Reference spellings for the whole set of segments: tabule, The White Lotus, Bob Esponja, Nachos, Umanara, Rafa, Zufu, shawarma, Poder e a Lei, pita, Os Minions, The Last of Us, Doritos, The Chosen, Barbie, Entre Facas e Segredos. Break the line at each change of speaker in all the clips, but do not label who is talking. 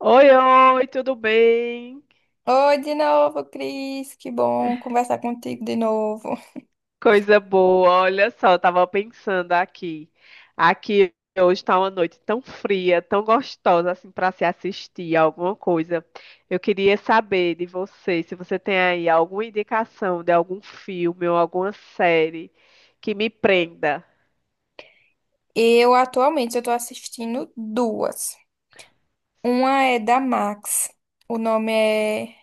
Oi, oi, tudo bem?
Oi de novo, Cris. Que bom conversar contigo de novo.
Coisa boa. Olha só, eu tava pensando aqui. Aqui hoje tá uma noite tão fria, tão gostosa assim para se assistir alguma coisa. Eu queria saber de você, se você tem aí alguma indicação de algum filme ou alguma série que me prenda.
Eu atualmente eu tô assistindo duas. Uma é da Max. O nome é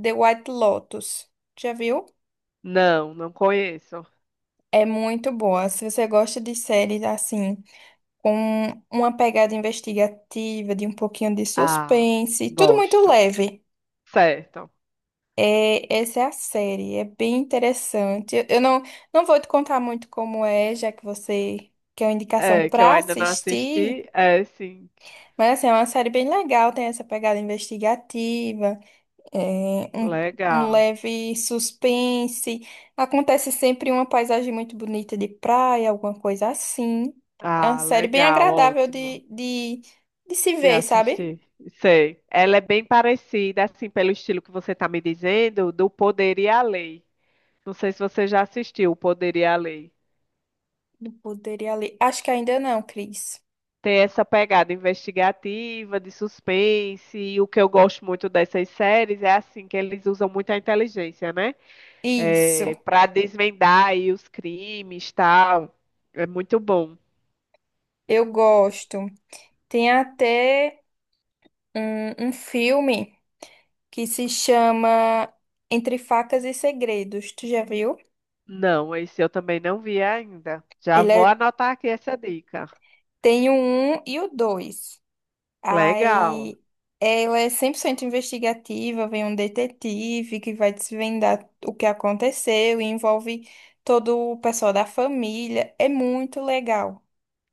The White Lotus. Já viu?
Não, não conheço.
É muito boa. Se você gosta de séries assim, com uma pegada investigativa, de um pouquinho de
Ah,
suspense, tudo muito
gosto.
leve.
Certo.
É, essa é a série, é bem interessante. Eu não, Não vou te contar muito como é, já que você quer uma indicação
É, que eu
para
ainda não
assistir,
assisti. É, sim.
mas assim, é uma série bem legal, tem essa pegada investigativa, é, um, um
Legal.
leve suspense. Acontece sempre uma paisagem muito bonita de praia, alguma coisa assim. É uma
Ah,
série bem
legal,
agradável
ótimo.
de se
Já
ver, sabe?
assisti. Sei. Ela é bem parecida, assim, pelo estilo que você está me dizendo, do Poder e a Lei. Não sei se você já assistiu o Poder e a Lei.
Não poderia ler. Acho que ainda não, Cris.
Tem essa pegada investigativa, de suspense, e o que eu gosto muito dessas séries é assim que eles usam muito a inteligência, né,
Isso,
para desvendar aí os crimes, tal. É muito bom.
eu gosto. Tem até um filme que se chama Entre Facas e Segredos. Tu já viu?
Não, esse eu também não vi ainda. Já
Ele
vou
é-
anotar aqui essa dica.
Tem o um e o 2.
Legal,
Aí ela é 100% investigativa, vem um detetive que vai desvendar o que aconteceu e envolve todo o pessoal da família. É muito legal.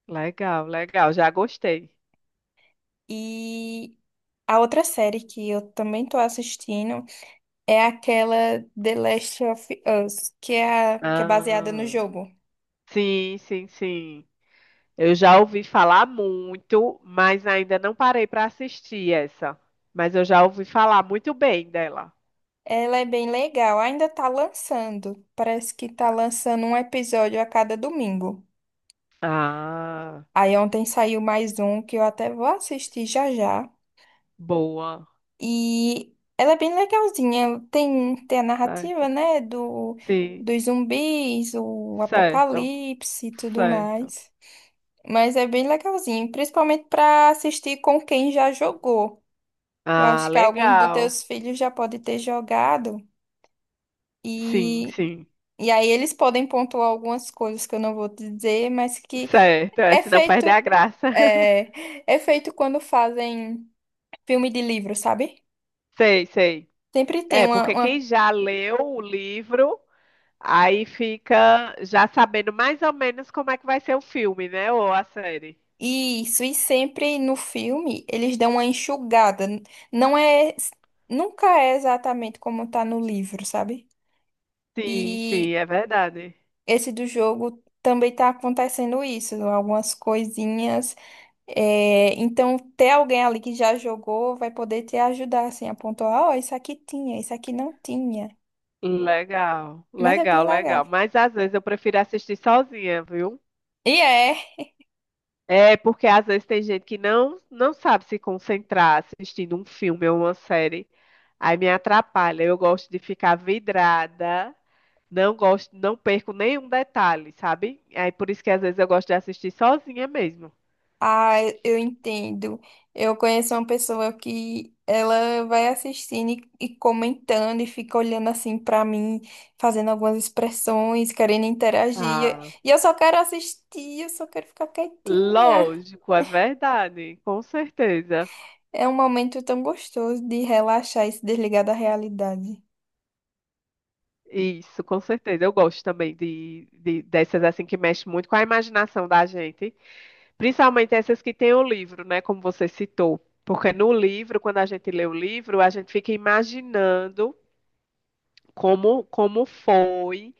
legal, legal. Já gostei.
E a outra série que eu também tô assistindo é aquela The Last of Us, que é, que é baseada no
Ah,
jogo.
sim, sim, sim. Eu já ouvi falar muito, mas ainda não parei para assistir essa. Mas eu já ouvi falar muito bem dela.
Ela é bem legal, ainda tá lançando. Parece que tá lançando um episódio a cada domingo.
Ah,
Aí ontem saiu mais um que eu até vou assistir já já.
boa.
E ela é bem legalzinha. Tem a narrativa,
Certo.
né,
Sim,
dos zumbis, o
certo,
apocalipse e tudo
certo.
mais. Mas é bem legalzinho, principalmente pra assistir com quem já jogou. Eu
Ah,
acho que alguns dos
legal.
teus filhos já pode ter jogado
Sim,
e,
sim.
e aí eles podem pontuar algumas coisas que eu não vou te dizer, mas que
Certo, é,
é
se não
feito
perder a graça.
é, é feito quando fazem filme de livro, sabe?
Sei, sei.
Sempre tem
É, porque quem já leu o livro, aí fica já sabendo mais ou menos como é que vai ser o filme, né? Ou a série.
isso, e sempre no filme eles dão uma enxugada. Não é Nunca é exatamente como tá no livro, sabe?
Sim, sim,
E
é verdade.
esse do jogo também tá acontecendo isso, algumas coisinhas. É, então, ter alguém ali que já jogou vai poder te ajudar, assim, a pontuar, ó, isso aqui tinha, isso aqui não tinha.
Legal,
Mas é
legal,
bem
legal.
legal.
Mas às vezes eu prefiro assistir sozinha, viu?
E é,
É porque às vezes tem gente que não sabe se concentrar assistindo um filme ou uma série. Aí me atrapalha. Eu gosto de ficar vidrada. Não gosto, não perco nenhum detalhe, sabe? Aí por isso que às vezes eu gosto de assistir sozinha mesmo.
ah, eu entendo. Eu conheço uma pessoa que ela vai assistindo e comentando e fica olhando assim pra mim, fazendo algumas expressões, querendo interagir.
Ah,
E eu só quero assistir, eu só quero ficar quietinha.
lógico, é verdade, com certeza.
É um momento tão gostoso de relaxar e se desligar da realidade.
Isso, com certeza. Eu gosto também dessas assim que mexem muito com a imaginação da gente, principalmente essas que têm o livro, né, como você citou. Porque no livro, quando a gente lê o livro, a gente fica imaginando como foi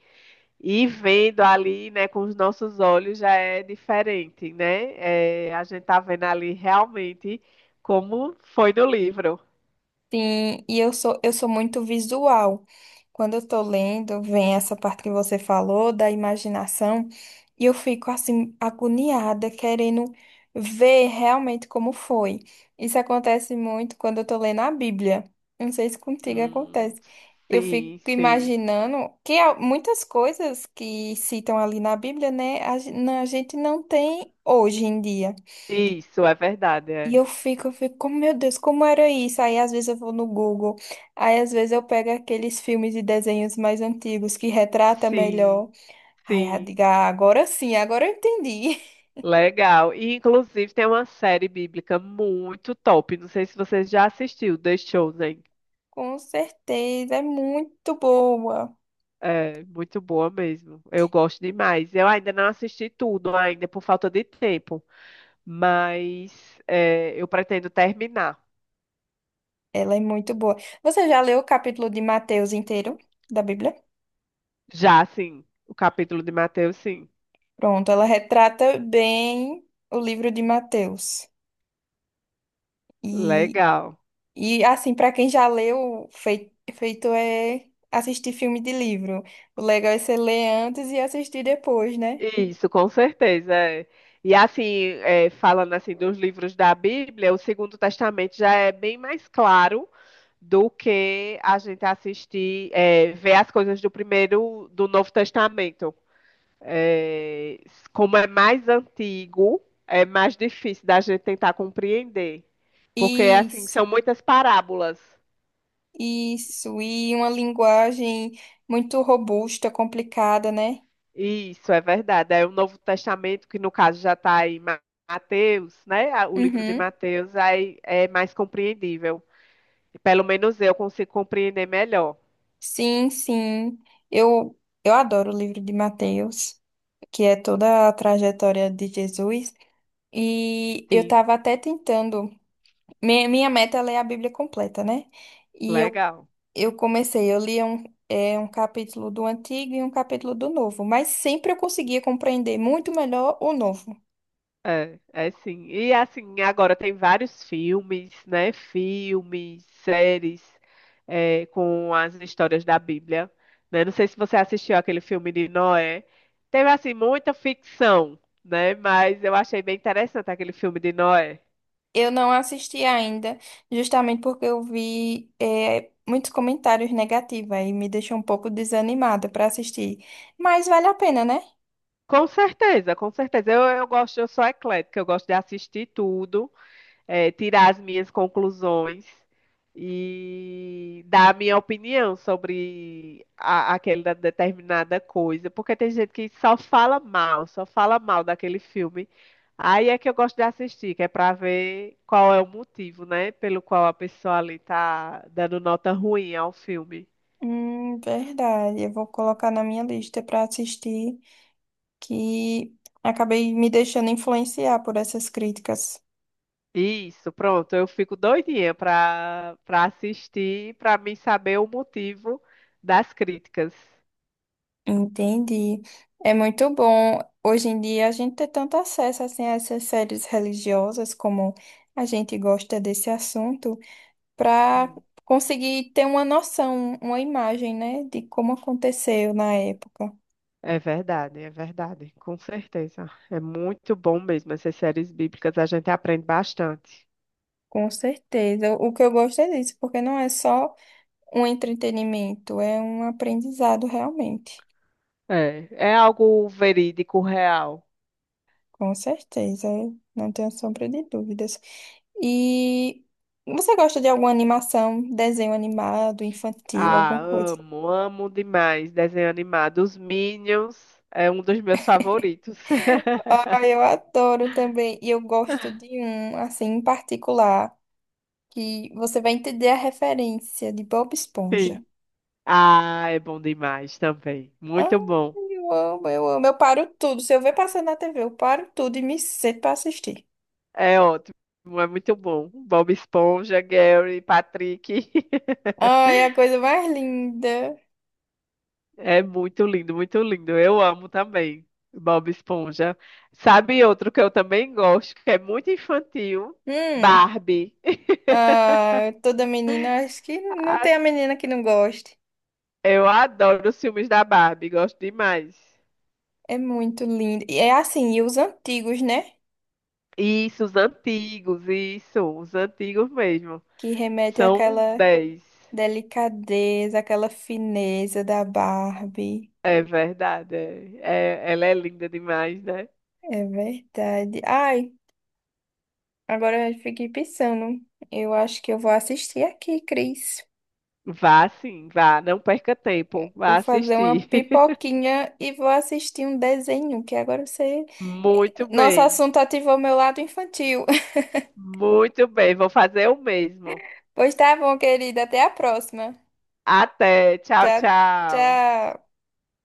e vendo ali, né, com os nossos olhos já é diferente, né? É, a gente tá vendo ali realmente como foi no livro.
Sim, e eu sou muito visual. Quando eu tô lendo, vem essa parte que você falou da imaginação, e eu fico assim, agoniada, querendo ver realmente como foi. Isso acontece muito quando eu tô lendo a Bíblia. Eu não sei se contigo
Hum,
acontece. Eu fico
sim, sim.
imaginando que há muitas coisas que citam ali na Bíblia, né, a gente não tem hoje em dia.
Isso é verdade,
E
é.
eu fico, como, meu Deus, como era isso? Aí às vezes eu vou no Google, aí às vezes eu pego aqueles filmes e desenhos mais antigos que retrata
Sim,
melhor. Aí eu
sim.
digo, "Ah, agora sim, agora eu entendi."
Legal. E inclusive tem uma série bíblica muito top. Não sei se você já assistiu, The Chosen.
Com certeza, é muito boa.
É muito boa mesmo. Eu gosto demais. Eu ainda não assisti tudo ainda por falta de tempo, mas é, eu pretendo terminar.
Ela é muito boa. Você já leu o capítulo de Mateus inteiro da Bíblia?
Já, sim. O capítulo de Mateus, sim.
Pronto, ela retrata bem o livro de Mateus.
Legal.
E assim, para quem já leu, feito é assistir filme de livro. O legal é você ler antes e assistir depois, né?
Isso, com certeza. É. E assim, é, falando assim dos livros da Bíblia, o Segundo Testamento já é bem mais claro do que a gente assistir, é, ver as coisas do primeiro, do Novo Testamento. É, como é mais antigo, é mais difícil da gente tentar compreender, porque assim
Isso,
são muitas parábolas.
isso. E uma linguagem muito robusta, complicada, né?
Isso é verdade. É o Novo Testamento, que no caso já está em Mateus, né? O livro de
Uhum.
Mateus aí é mais compreendível. Pelo menos eu consigo compreender melhor.
Sim, sim. Eu, eu adoro o livro de Mateus, que é toda a trajetória de Jesus. E eu
Sim,
estava até tentando. Minha meta é ler a Bíblia completa, né? E eu
legal.
Eu comecei, eu lia um, é, um capítulo do antigo e um capítulo do novo, mas sempre eu conseguia compreender muito melhor o novo.
É, é sim. E assim, agora tem vários filmes, né? Filmes, séries, é, com as histórias da Bíblia, né? Não sei se você assistiu aquele filme de Noé. Teve assim muita ficção, né? Mas eu achei bem interessante aquele filme de Noé.
Eu não assisti ainda, justamente porque eu vi, é, muitos comentários negativos aí me deixou um pouco desanimada para assistir. Mas vale a pena, né?
Com certeza, com certeza. Eu gosto, eu sou eclética, eu gosto de assistir tudo, tirar as minhas conclusões e dar a minha opinião sobre aquela determinada coisa, porque tem gente que só fala mal daquele filme. Aí é que eu gosto de assistir, que é para ver qual é o motivo, né, pelo qual a pessoa ali tá dando nota ruim ao filme.
Verdade. Eu vou colocar na minha lista para assistir, que acabei me deixando influenciar por essas críticas.
Isso, pronto. Eu fico doidinha para assistir, para mim saber o motivo das críticas.
Entendi. É muito bom. Hoje em dia a gente ter tanto acesso assim, a essas séries religiosas, como a gente gosta desse assunto, para
Sim,
conseguir ter uma noção, uma imagem, né, de como aconteceu na época.
é verdade, com certeza. É muito bom mesmo essas séries bíblicas, a gente aprende bastante.
Com certeza. O que eu gosto é disso, porque não é só um entretenimento, é um aprendizado realmente.
É, é algo verídico, real.
Com certeza, não tenho sombra de dúvidas. E você gosta de alguma animação, desenho animado, infantil,
Ah,
alguma coisa?
amo, amo demais desenho animado. Os Minions é um dos meus favoritos.
Ah, eu adoro também. E eu gosto de um, assim, em particular, que você vai entender a referência de Bob Esponja.
Sim. Ah, é bom demais também.
Ah,
Muito bom.
eu amo, eu amo. Eu paro tudo. Se eu ver passando na TV, eu paro tudo e me sento pra assistir.
É ótimo, é muito bom. Bob Esponja, Gary, Patrick.
Ai, é a coisa mais linda.
É muito lindo, muito lindo. Eu amo também Bob Esponja. Sabe outro que eu também gosto, que é muito infantil?
Hum.
Barbie.
Ah, toda menina, acho que não
A-
tem a menina que não goste.
Eu adoro os filmes da Barbie, gosto demais.
É muito lindo. E é assim, e os antigos, né?
Isso, os antigos mesmo.
Que remete
São
àquela
10.
delicadeza, àquela fineza da Barbie.
É verdade. É. Ela é linda demais, né?
É verdade. Ai, agora eu fiquei pensando. Eu acho que eu vou assistir aqui, Cris.
Vá sim, vá, não perca tempo,
Vou
vá
fazer uma
assistir.
pipoquinha e vou assistir um desenho, que agora você.
Muito
Nosso
bem,
assunto ativou meu lado infantil.
muito bem, vou fazer o mesmo.
Pois tá bom, querida. Até a próxima.
Até, tchau,
Tchau,
tchau.
tchau.